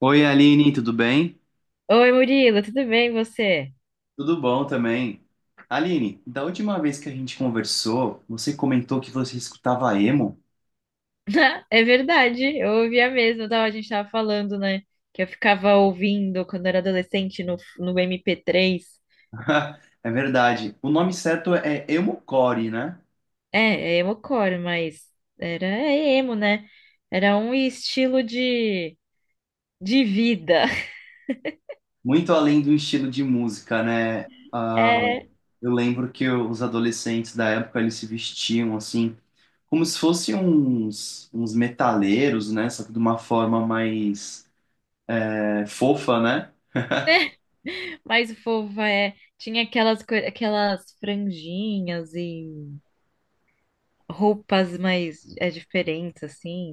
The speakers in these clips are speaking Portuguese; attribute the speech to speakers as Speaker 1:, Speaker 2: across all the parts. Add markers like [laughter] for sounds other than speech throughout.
Speaker 1: Oi, Aline, tudo bem?
Speaker 2: Oi, Murilo, tudo bem você?
Speaker 1: Tudo bom também. Aline, da última vez que a gente conversou, você comentou que você escutava emo.
Speaker 2: [laughs] É verdade, eu ouvia mesmo, tava, a gente tava falando, né? Que eu ficava ouvindo quando era adolescente no MP3.
Speaker 1: [laughs] É verdade. O nome certo é emo-core, né?
Speaker 2: É, é emocore, mas era é emo, né? Era um estilo de vida. [laughs]
Speaker 1: Muito além do estilo de música, né? Ah,
Speaker 2: É,
Speaker 1: eu lembro que os adolescentes da época eles se vestiam assim, como se fossem uns metaleiros, né? Só que de uma forma mais fofa, né?
Speaker 2: mais fofa, é. Tinha aquelas, aquelas franjinhas e roupas mais é, diferentes, assim,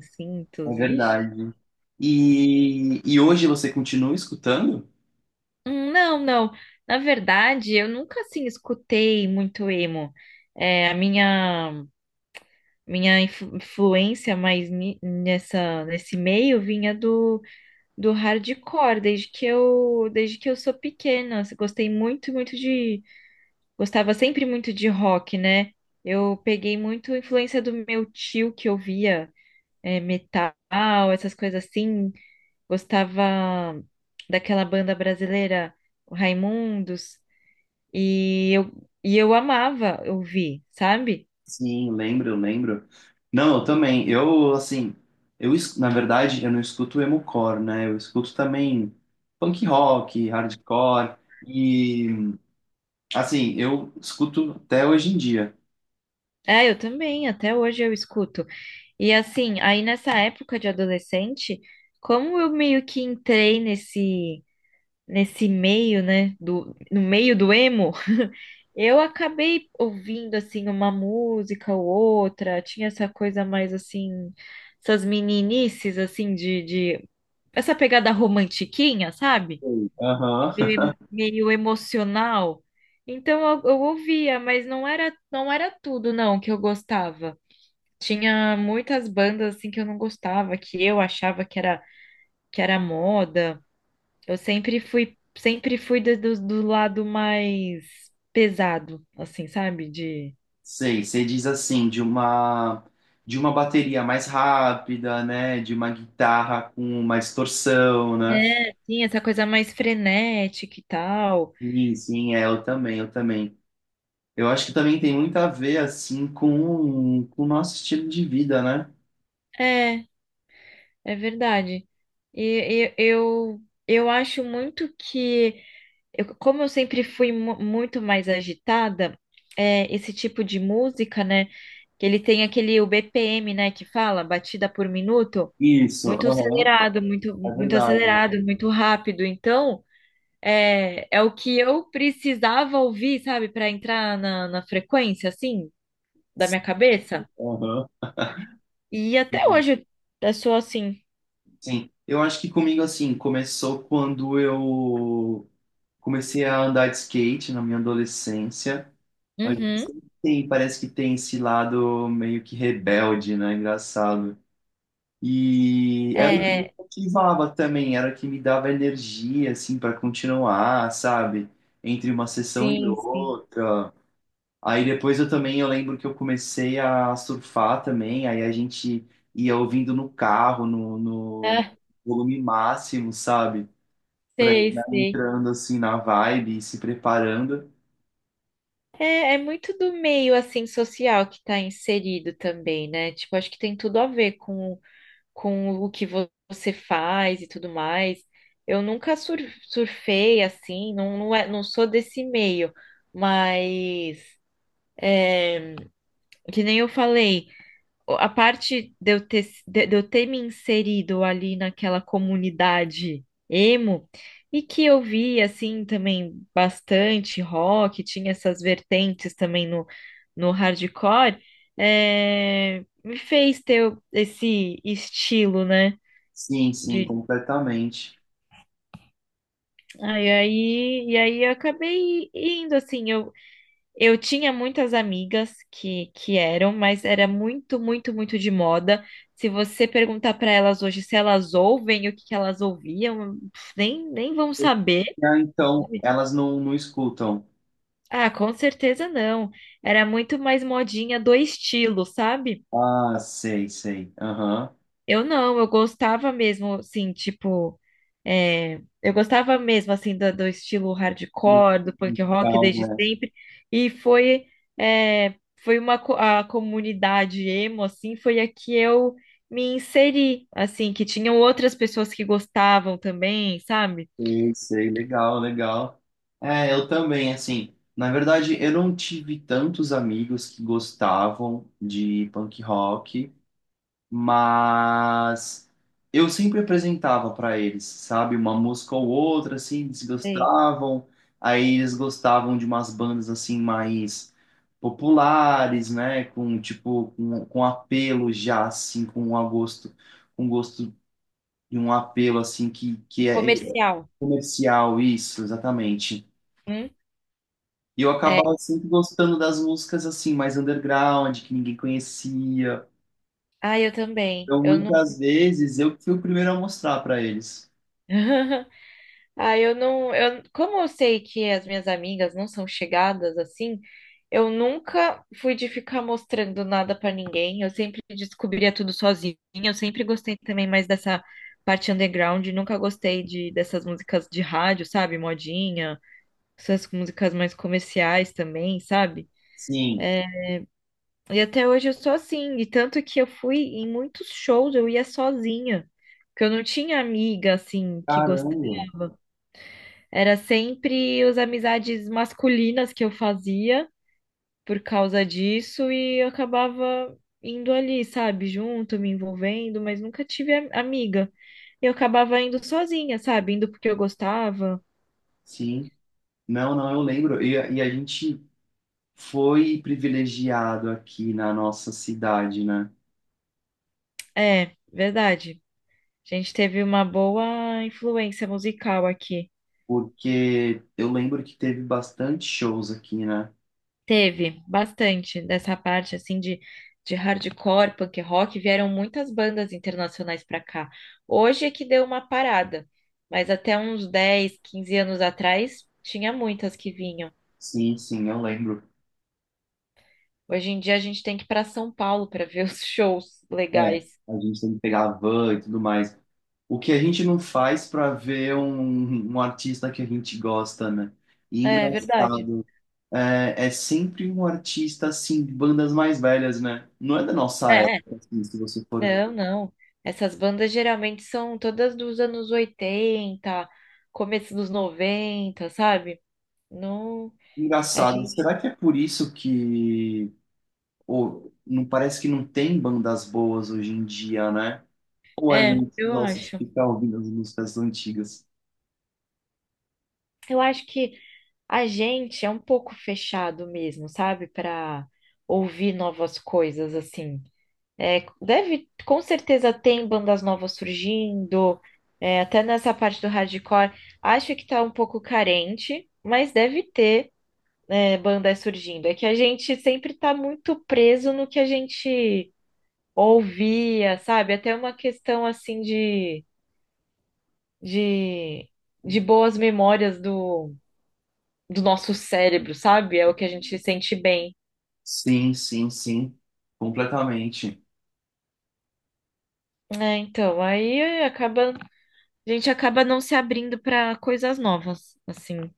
Speaker 1: É
Speaker 2: cintos, ixi.
Speaker 1: verdade. E hoje você continua escutando?
Speaker 2: Não, não. Na verdade, eu nunca assim escutei muito emo. É, a minha influência mais nessa nesse meio vinha do, do hardcore, desde que eu sou pequena. Eu Gostei muito, muito de Gostava sempre muito de rock, né? Eu peguei muito influência do meu tio que ouvia metal, essas coisas assim. Gostava daquela banda brasileira, o Raimundos. E eu, e eu amava ouvir, sabe?
Speaker 1: Sim, lembro, lembro. Não, eu também. Eu, assim, na verdade, eu não escuto emo-core, né? Eu escuto também punk rock, hardcore, e, assim, eu escuto até hoje em dia.
Speaker 2: É, eu também, até hoje eu escuto. E assim, aí nessa época de adolescente, como eu meio que entrei nesse meio, né, do no meio do emo, [laughs] eu acabei ouvindo assim uma música ou outra, tinha essa coisa mais assim, essas meninices assim de essa pegada romantiquinha, sabe?
Speaker 1: Sim. Aham.
Speaker 2: Meio, meio emocional. Então eu ouvia, mas não era tudo não que eu gostava. Tinha muitas bandas assim que eu não gostava, que eu achava que era moda. Eu sempre fui do, do lado mais pesado, assim, sabe? De
Speaker 1: Sei, você diz assim, de uma bateria mais rápida, né? De uma guitarra com uma distorção, né?
Speaker 2: é, sim, essa coisa mais frenética e tal.
Speaker 1: Sim, sim, é, eu também, eu também. Eu acho que também tem muito a ver, assim, com o nosso estilo de vida, né?
Speaker 2: É, é verdade. E, e eu eu acho muito que eu, como eu sempre fui muito mais agitada, é, esse tipo de música, né? Que ele tem aquele o BPM, né? Que fala batida por minuto,
Speaker 1: Isso, aham, é
Speaker 2: muito
Speaker 1: verdade.
Speaker 2: acelerado, muito rápido. Então, é, é o que eu precisava ouvir, sabe, para entrar na frequência, assim, da minha cabeça.
Speaker 1: Aham,
Speaker 2: E até
Speaker 1: sim.
Speaker 2: hoje eu sou assim.
Speaker 1: Sim. Eu acho que comigo, assim, começou quando eu comecei a andar de skate na minha adolescência. Mas
Speaker 2: Uhum.
Speaker 1: sempre tem, parece que tem esse lado meio que rebelde, né? Engraçado. E era o que me
Speaker 2: É,
Speaker 1: motivava também, era o que me dava energia, assim, para continuar, sabe? Entre uma sessão e
Speaker 2: sim, sim.
Speaker 1: outra. Aí depois eu também, eu lembro que eu comecei a surfar também, aí a gente ia ouvindo no carro, no
Speaker 2: É,
Speaker 1: volume máximo, sabe? Pra ir
Speaker 2: sei,
Speaker 1: né,
Speaker 2: sei.
Speaker 1: entrando assim na vibe e se preparando.
Speaker 2: É, é muito do meio assim social que está inserido também, né? Tipo, acho que tem tudo a ver com o que você faz e tudo mais. Eu nunca surfei assim, não, não, é, não sou desse meio, mas é, que nem eu falei a parte de eu ter me inserido ali naquela comunidade emo e que eu vi assim também bastante rock, tinha essas vertentes também no hardcore, é, me fez ter esse estilo, né?
Speaker 1: Sim, sim,
Speaker 2: De,
Speaker 1: completamente.
Speaker 2: ah, aí, e aí eu acabei indo assim, eu tinha muitas amigas que eram, mas era muito, muito, muito de moda. Se você perguntar para elas hoje se elas ouvem, o que elas ouviam, pff, nem, nem vão saber.
Speaker 1: Ah, então,
Speaker 2: Sabe?
Speaker 1: elas não escutam.
Speaker 2: Ah, com certeza não. Era muito mais modinha do estilo, sabe?
Speaker 1: Ah, sei, sei. Aham.
Speaker 2: Eu não, eu gostava mesmo, assim, tipo, é, eu gostava mesmo, assim, do, do estilo hardcore, do punk rock
Speaker 1: Musical,
Speaker 2: desde
Speaker 1: né?
Speaker 2: sempre, e foi, é, foi uma, a comunidade emo, assim, foi a que eu me inseri, assim, que tinham outras pessoas que gostavam também, sabe?
Speaker 1: Sei, sei, legal, legal. É, eu também, assim, na verdade, eu não tive tantos amigos que gostavam de punk rock, mas eu sempre apresentava para eles, sabe, uma música ou outra, assim, eles
Speaker 2: Sei.
Speaker 1: gostavam, aí eles gostavam de umas bandas, assim, mais populares, né, com, tipo, com apelo já, assim, com um gosto e um apelo assim que é
Speaker 2: Comercial.
Speaker 1: comercial, isso, exatamente.
Speaker 2: Hum?
Speaker 1: E eu
Speaker 2: É.
Speaker 1: acabava sempre gostando das músicas assim, mais underground, que ninguém conhecia.
Speaker 2: Ah, eu também,
Speaker 1: Então,
Speaker 2: eu não...
Speaker 1: muitas vezes, eu que fui o primeiro a mostrar para eles.
Speaker 2: [laughs] Ah, eu não, eu, como eu sei que as minhas amigas não são chegadas assim, eu nunca fui de ficar mostrando nada pra ninguém. Eu sempre descobria tudo sozinha. Eu sempre gostei também mais dessa parte underground. Nunca gostei de dessas músicas de rádio, sabe? Modinha, essas músicas mais comerciais também, sabe?
Speaker 1: Sim,
Speaker 2: E até hoje eu sou assim. E tanto que eu fui em muitos shows, eu ia sozinha, porque eu não tinha amiga assim que
Speaker 1: caramba.
Speaker 2: gostava. Era sempre as amizades masculinas que eu fazia por causa disso e eu acabava indo ali, sabe, junto, me envolvendo, mas nunca tive amiga. Eu acabava indo sozinha, sabe, indo porque eu gostava.
Speaker 1: Sim. Não, não, eu lembro. E a gente foi privilegiado aqui na nossa cidade, né?
Speaker 2: É, verdade. A gente teve uma boa influência musical aqui.
Speaker 1: Porque eu lembro que teve bastante shows aqui, né?
Speaker 2: Teve bastante dessa parte assim de hardcore, punk rock, vieram muitas bandas internacionais para cá. Hoje é que deu uma parada, mas até uns 10 ou 15 anos atrás tinha muitas que vinham.
Speaker 1: Sim, sim, eu lembro.
Speaker 2: Hoje em dia a gente tem que ir para São Paulo para ver [laughs] os shows
Speaker 1: É,
Speaker 2: legais.
Speaker 1: a gente tem que pegar a van e tudo mais. O que a gente não faz para ver um artista que a gente gosta, né? E
Speaker 2: É verdade.
Speaker 1: engraçado, é, é sempre um artista assim, de bandas mais velhas, né? Não é da nossa
Speaker 2: É,
Speaker 1: época, assim, se você for ver.
Speaker 2: não, não. Essas bandas geralmente são todas dos anos 80 começo dos 90 sabe? Não, a
Speaker 1: Engraçado,
Speaker 2: gente.
Speaker 1: será que é por isso que ou, não parece que não tem bandas boas hoje em dia, né? Ou a
Speaker 2: É,
Speaker 1: gente
Speaker 2: eu
Speaker 1: gosta de
Speaker 2: acho.
Speaker 1: ficar ouvindo as músicas antigas?
Speaker 2: Eu acho que a gente é um pouco fechado mesmo, sabe? Para ouvir novas coisas, assim. É, deve, com certeza, tem bandas novas surgindo, é, até nessa parte do hardcore. Acho que tá um pouco carente, mas deve ter, é, bandas surgindo. É que a gente sempre tá muito preso no que a gente ouvia, sabe? Até uma questão, assim, de, de boas memórias do do nosso cérebro, sabe? É o que a gente se sente bem.
Speaker 1: Sim, sim, sim, completamente.
Speaker 2: É, então, aí acaba, a gente acaba não se abrindo para coisas novas, assim.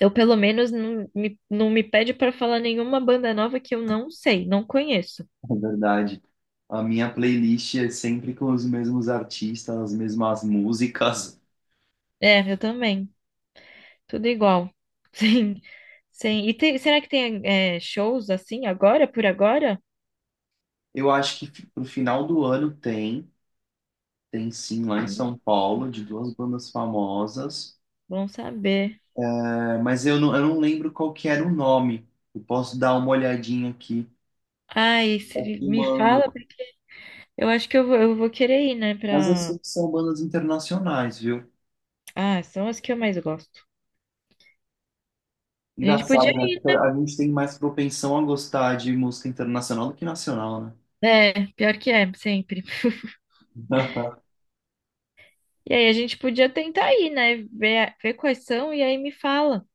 Speaker 2: Eu, pelo menos, não me pede para falar nenhuma banda nova que eu não sei, não conheço.
Speaker 1: [laughs] É verdade. A minha playlist é sempre com os mesmos artistas, as mesmas músicas.
Speaker 2: É, eu também. Tudo igual. [laughs] Sim, sim. E será que tem é, shows assim agora, por agora?
Speaker 1: Eu acho que pro final do ano tem, tem sim lá em
Speaker 2: Hum,
Speaker 1: São Paulo, de duas bandas famosas.
Speaker 2: Bom saber.
Speaker 1: É, mas eu não lembro qual que era o nome. Eu posso dar uma olhadinha aqui.
Speaker 2: Ai, se
Speaker 1: E
Speaker 2: me
Speaker 1: mando.
Speaker 2: fala, porque eu acho que eu vou querer ir, né,
Speaker 1: Mas eu
Speaker 2: pra...
Speaker 1: sei que são bandas internacionais, viu?
Speaker 2: Ah, são as que eu mais gosto. A gente podia
Speaker 1: Engraçado, né? Porque a gente tem mais propensão a gostar de música internacional do que nacional, né?
Speaker 2: é, pior que é, sempre. [laughs]
Speaker 1: [laughs]
Speaker 2: E aí a gente podia tentar ir, né? Ver, ver quais são e aí me fala.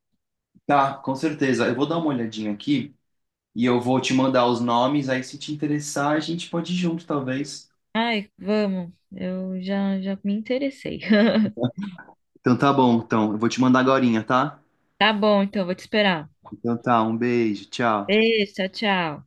Speaker 1: Tá, com certeza. Eu vou dar uma olhadinha aqui. E eu vou te mandar os nomes, aí se te interessar, a gente pode ir junto, talvez.
Speaker 2: Ai, vamos. Já me interessei. [laughs]
Speaker 1: Então tá bom, então. Eu vou te mandar agorinha, tá?
Speaker 2: Tá bom, então, vou te esperar.
Speaker 1: Então tá, um beijo, tchau.
Speaker 2: Beijo, tchau, tchau.